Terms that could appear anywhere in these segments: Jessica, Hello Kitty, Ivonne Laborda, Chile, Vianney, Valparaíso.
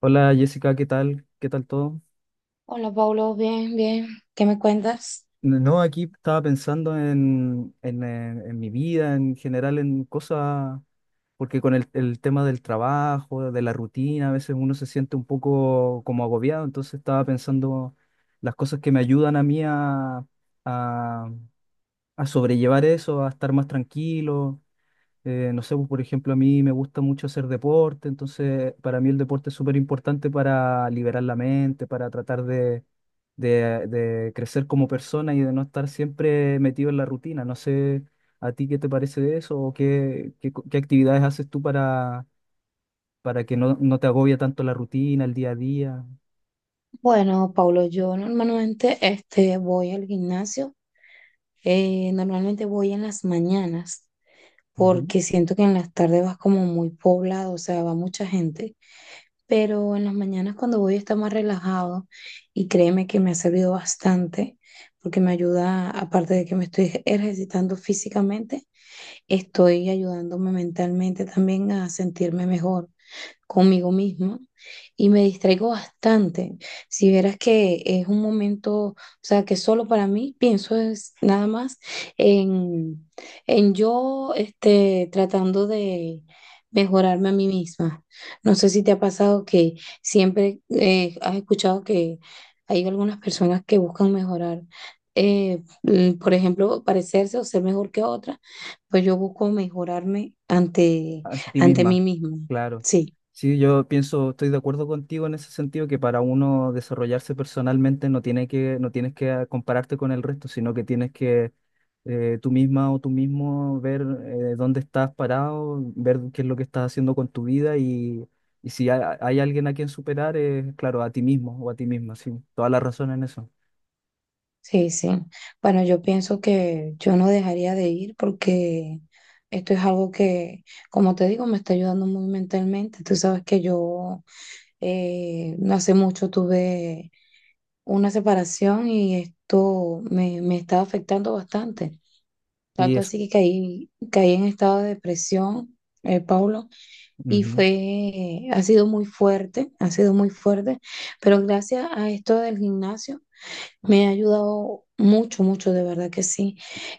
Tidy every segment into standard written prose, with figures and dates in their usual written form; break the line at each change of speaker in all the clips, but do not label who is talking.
Hola Jessica, ¿qué tal? ¿Qué tal todo?
Hola, Paulo, bien, bien. ¿Qué me cuentas?
No, aquí estaba pensando en mi vida, en general, en cosas, porque con el tema del trabajo, de la rutina, a veces uno se siente un poco como agobiado, entonces estaba pensando las cosas que me ayudan a mí a, a sobrellevar eso, a estar más tranquilo. No sé, pues, por ejemplo, a mí me gusta mucho hacer deporte, entonces para mí el deporte es súper importante para liberar la mente, para tratar de crecer como persona y de no estar siempre metido en la rutina. No sé a ti qué te parece de eso o qué, qué actividades haces tú para que no te agobie tanto la rutina, el día a día.
Bueno, Paulo, yo normalmente este, voy al gimnasio. Normalmente voy en las mañanas porque siento que en las tardes vas como muy poblado, o sea, va mucha gente. Pero en las mañanas cuando voy está más relajado y créeme que me ha servido bastante porque me ayuda, aparte de que me estoy ejercitando físicamente, estoy ayudándome mentalmente también a sentirme mejor conmigo misma y me distraigo bastante. Si vieras que es un momento, o sea, que solo para mí pienso es nada más en, en yo este, tratando de mejorarme a mí misma. No sé si te ha pasado que siempre has escuchado que hay algunas personas que buscan mejorar. Por ejemplo, parecerse o ser mejor que otra, pues yo busco mejorarme ante,
Ante ti
ante mí
misma,
misma.
claro.
Sí.
Sí, yo pienso, estoy de acuerdo contigo en ese sentido, que para uno desarrollarse personalmente no tiene que, no tienes que compararte con el resto, sino que tienes que tú misma o tú mismo ver dónde estás parado, ver qué es lo que estás haciendo con tu vida y si hay alguien a quien superar, es claro, a ti mismo o a ti misma, sí. Toda la razón en eso.
Sí, sí. Bueno, yo pienso que yo no dejaría de ir porque esto es algo que, como te digo, me está ayudando muy mentalmente. Tú sabes que yo, no hace mucho tuve una separación y me está afectando bastante.
Sí,
Tanto
eso.
así que caí en estado de depresión, Paulo, y
Ujú.
ha sido muy fuerte, ha sido muy fuerte, pero gracias a esto del gimnasio. Me ha ayudado mucho, mucho, de verdad que sí.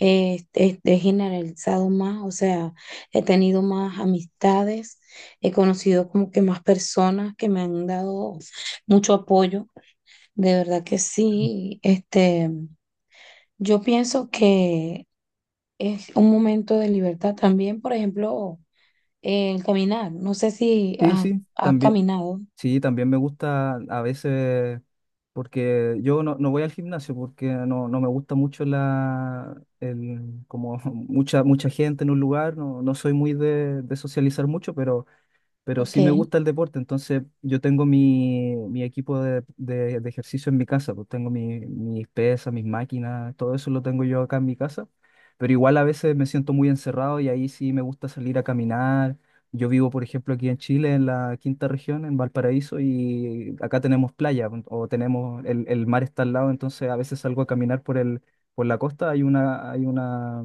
He generalizado más, o sea, he tenido más amistades, he conocido como que más personas que me han dado mucho apoyo, de verdad que sí. Este, yo pienso que es un momento de libertad también, por ejemplo, el caminar. No sé si
Sí,
has,
sí,
¿Has
también.
caminado?
Sí, también me gusta a veces, porque yo no voy al gimnasio porque no me gusta mucho como mucha gente en un lugar, no, no soy muy de socializar mucho, pero
Ok,
sí me gusta el deporte, entonces yo tengo mi equipo de ejercicio en mi casa, pues tengo mis pesas, mis máquinas, todo eso lo tengo yo acá en mi casa, pero igual a veces me siento muy encerrado y ahí sí me gusta salir a caminar. Yo vivo, por ejemplo, aquí en Chile, en la quinta región, en Valparaíso, y acá tenemos playa, pues, o tenemos, el mar está al lado, entonces a veces salgo a caminar por la costa, hay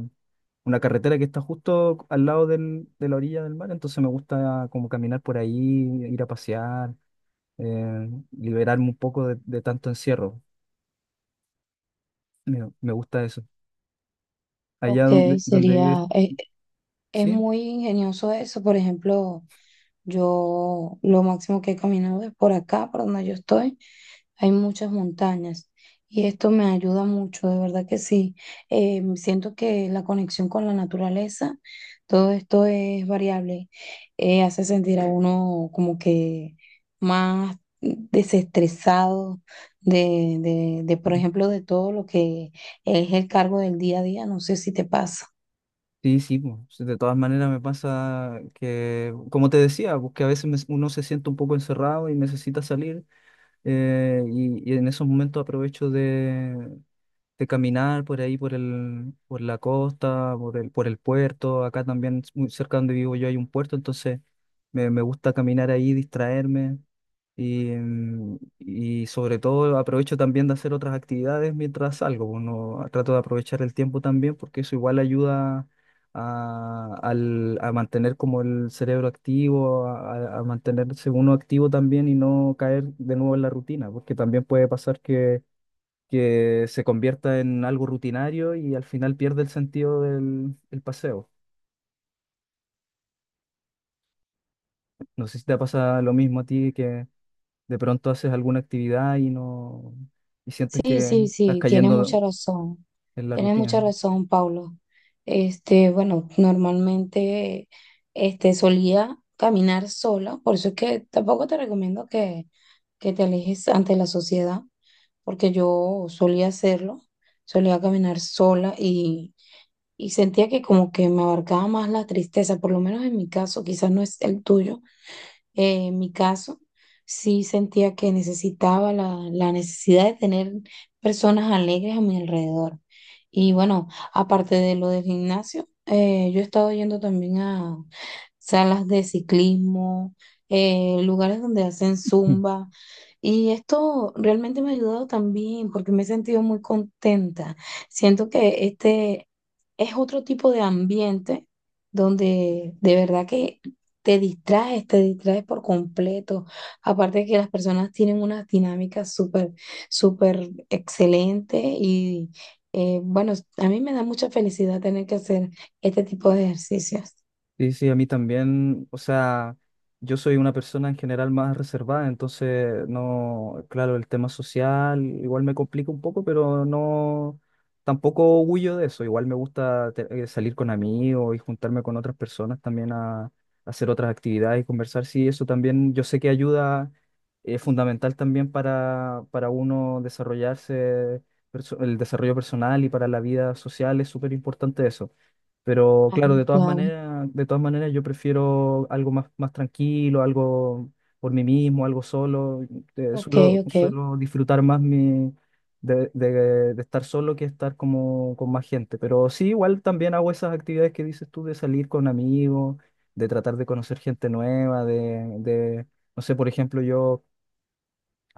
una carretera que está justo al lado de la orilla del mar, entonces me gusta como caminar por ahí, ir a pasear, liberarme un poco de tanto encierro. Me gusta eso. Allá
ok,
donde vives,
sería, es es
sí,
muy ingenioso eso, por ejemplo. Yo lo máximo que he caminado es por acá, por donde yo estoy. Hay muchas montañas y esto me ayuda mucho, de verdad que sí. Siento que la conexión con la naturaleza, todo esto es variable, hace sentir a uno como que más desestresado por ejemplo, de todo lo que es el cargo del día a día. No sé si te pasa.
sí, sí, po. Sí, de todas maneras me pasa que, como te decía, pues que a veces uno se siente un poco encerrado y necesita salir, y en esos momentos aprovecho de caminar por ahí, por la costa, por el puerto. Acá también, muy cerca donde vivo yo, hay un puerto, entonces me gusta caminar ahí, distraerme y, y sobre todo aprovecho también de hacer otras actividades mientras salgo. Uno trato de aprovechar el tiempo también porque eso igual ayuda a mantener como el cerebro activo, a mantenerse uno activo también y no caer de nuevo en la rutina, porque también puede pasar que se convierta en algo rutinario y al final pierde el sentido del el paseo. No sé si te pasa lo mismo a ti, que de pronto haces alguna actividad y no y sientes
Sí,
que
sí,
estás
sí, tiene mucha
cayendo
razón.
en la
Tiene mucha
rutina.
razón, Paulo. Este, bueno, normalmente este solía caminar sola, por eso es que tampoco te recomiendo que te alejes ante la sociedad, porque yo solía hacerlo, solía caminar sola y sentía que como que me abarcaba más la tristeza, por lo menos en mi caso, quizás no es el tuyo, en mi caso, sí sentía que necesitaba la necesidad de tener personas alegres a mi alrededor. Y bueno, aparte de lo del gimnasio, yo he estado yendo también a salas de ciclismo, lugares donde hacen zumba. Y esto realmente me ha ayudado también porque me he sentido muy contenta. Siento que este es otro tipo de ambiente donde de verdad que te distraes por completo. Aparte de que las personas tienen unas dinámicas súper, súper excelentes y bueno, a mí me da mucha felicidad tener que hacer este tipo de ejercicios.
Sí, sí, a mí también, o sea, yo soy una persona en general más reservada, entonces no, claro, el tema social igual me complica un poco, pero no, tampoco huyo de eso, igual me gusta salir con amigos y juntarme con otras personas también a hacer otras actividades y conversar, sí, eso también yo sé que ayuda, es fundamental también para uno desarrollarse, el desarrollo personal y para la vida social es súper importante eso. Pero
Claro,
claro,
claro.
de todas maneras yo prefiero algo más, más tranquilo, algo por mí mismo, algo solo.
Ok, ok,
Suelo disfrutar más mi, de estar solo que estar como con más gente. Pero sí, igual también hago esas actividades que dices tú de salir con amigos, de tratar de conocer gente nueva, de no sé, por ejemplo, yo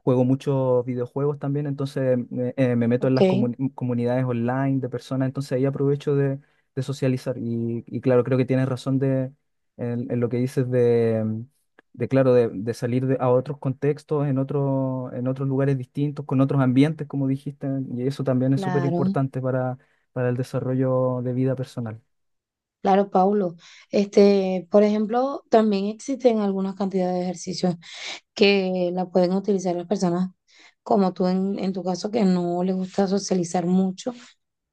juego muchos videojuegos también, entonces me meto en las
ok,
comunidades online de personas, entonces ahí aprovecho de socializar. Y claro, creo que tienes razón de, en lo que dices de, de claro, de salir a otros contextos, en otros lugares distintos, con otros ambientes, como dijiste, y eso también es súper
claro,
importante para el desarrollo de vida personal.
claro, Paulo. Este, por ejemplo, también existen algunas cantidades de ejercicios que la pueden utilizar las personas como tú en tu caso que no les gusta socializar mucho.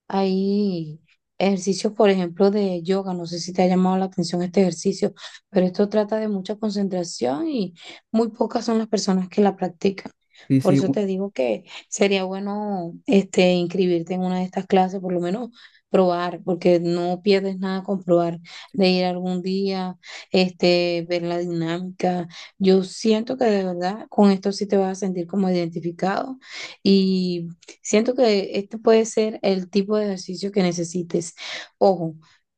Hay ejercicios, por ejemplo, de yoga. No sé si te ha llamado la atención este ejercicio, pero esto trata de mucha concentración y muy pocas son las personas que la practican.
Sí,
Por
sí,
eso te digo que sería bueno este, inscribirte en una de estas clases, por lo menos probar, porque no pierdes nada con probar, de ir algún día, este, ver la dinámica. Yo siento que de verdad con esto sí te vas a sentir como identificado. Y siento que este puede ser el tipo de ejercicio que necesites. Ojo,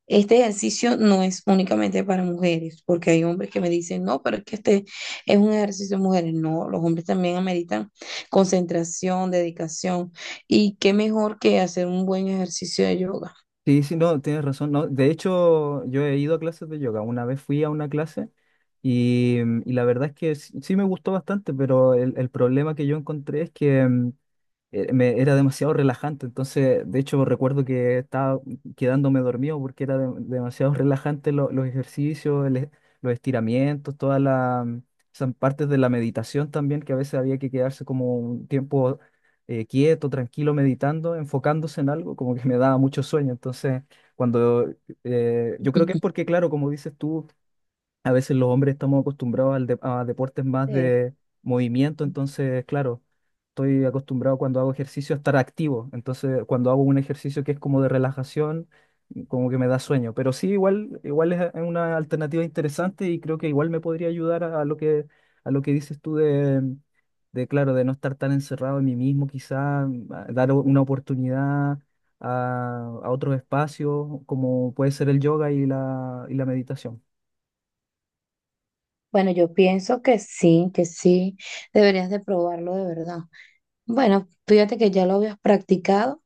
este ejercicio no es únicamente para mujeres, porque hay hombres que me dicen, no, pero es que este es un ejercicio de mujeres. No, los hombres también ameritan concentración, dedicación, y qué mejor que hacer un buen ejercicio de yoga.
sí, sí, no, tienes razón. No, de hecho, yo he ido a clases de yoga. Una vez fui a una clase y, y la verdad es que sí, sí me gustó bastante, pero el problema que yo encontré es que era demasiado relajante. Entonces, de hecho, recuerdo que estaba quedándome dormido porque era demasiado relajante los ejercicios, los estiramientos, todas las esas partes de la meditación también, que a veces había que quedarse como un tiempo quieto, tranquilo, meditando, enfocándose en algo, como que me daba mucho sueño. Entonces, cuando yo creo que es porque, claro, como dices tú, a veces los hombres estamos acostumbrados a deportes más
Sí.
de movimiento, entonces, claro, estoy acostumbrado cuando hago ejercicio a estar activo, entonces cuando hago un ejercicio que es como de relajación, como que me da sueño, pero sí, igual, igual es una alternativa interesante y creo que igual me podría ayudar a lo que dices tú de, de, claro, de no estar tan encerrado en mí mismo, quizá a dar una oportunidad. A otros espacios como puede ser el yoga y y la meditación.
Bueno, yo pienso que sí, deberías de probarlo de verdad. Bueno, fíjate que ya lo habías practicado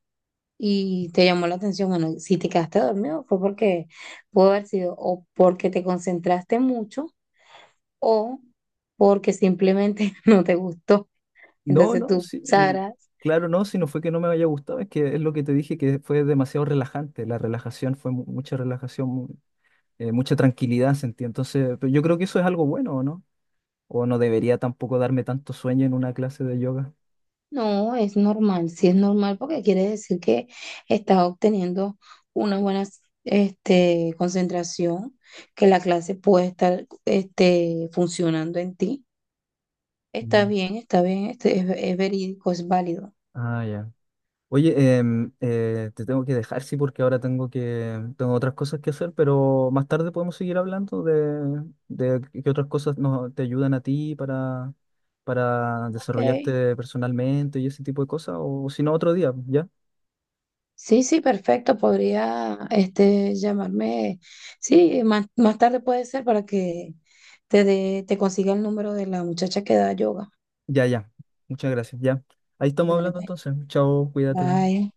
y te llamó la atención. Bueno, si te quedaste dormido fue porque pudo haber sido o porque te concentraste mucho o porque simplemente no te gustó.
No,
Entonces
no,
tú
sí,
sabrás,
claro, no, si no fue que no me haya gustado, es que es lo que te dije, que fue demasiado relajante, la relajación fue mucha relajación, mucha tranquilidad sentí, entonces pero yo creo que eso es algo bueno, ¿o no? O no debería tampoco darme tanto sueño en una clase de yoga.
no, es normal, sí es normal porque quiere decir que estás obteniendo una buena este, concentración, que la clase puede estar este, funcionando en ti.
Mm.
Está bien, este, es verídico, es válido.
Ah, ya. Oye, te tengo que dejar, sí, porque ahora tengo tengo otras cosas que hacer, pero más tarde podemos seguir hablando de qué otras te ayudan a ti para
Ok.
desarrollarte personalmente y ese tipo de cosas, o si no, otro día, ¿ya?
Sí, sí, perfecto. Podría este, llamarme. Sí, más tarde puede ser para que te consiga el número de la muchacha que da yoga.
Ya, ya. Muchas gracias, ya. Ahí estamos
Dale,
hablando
pues.
entonces. Chao, cuídate.
Bye.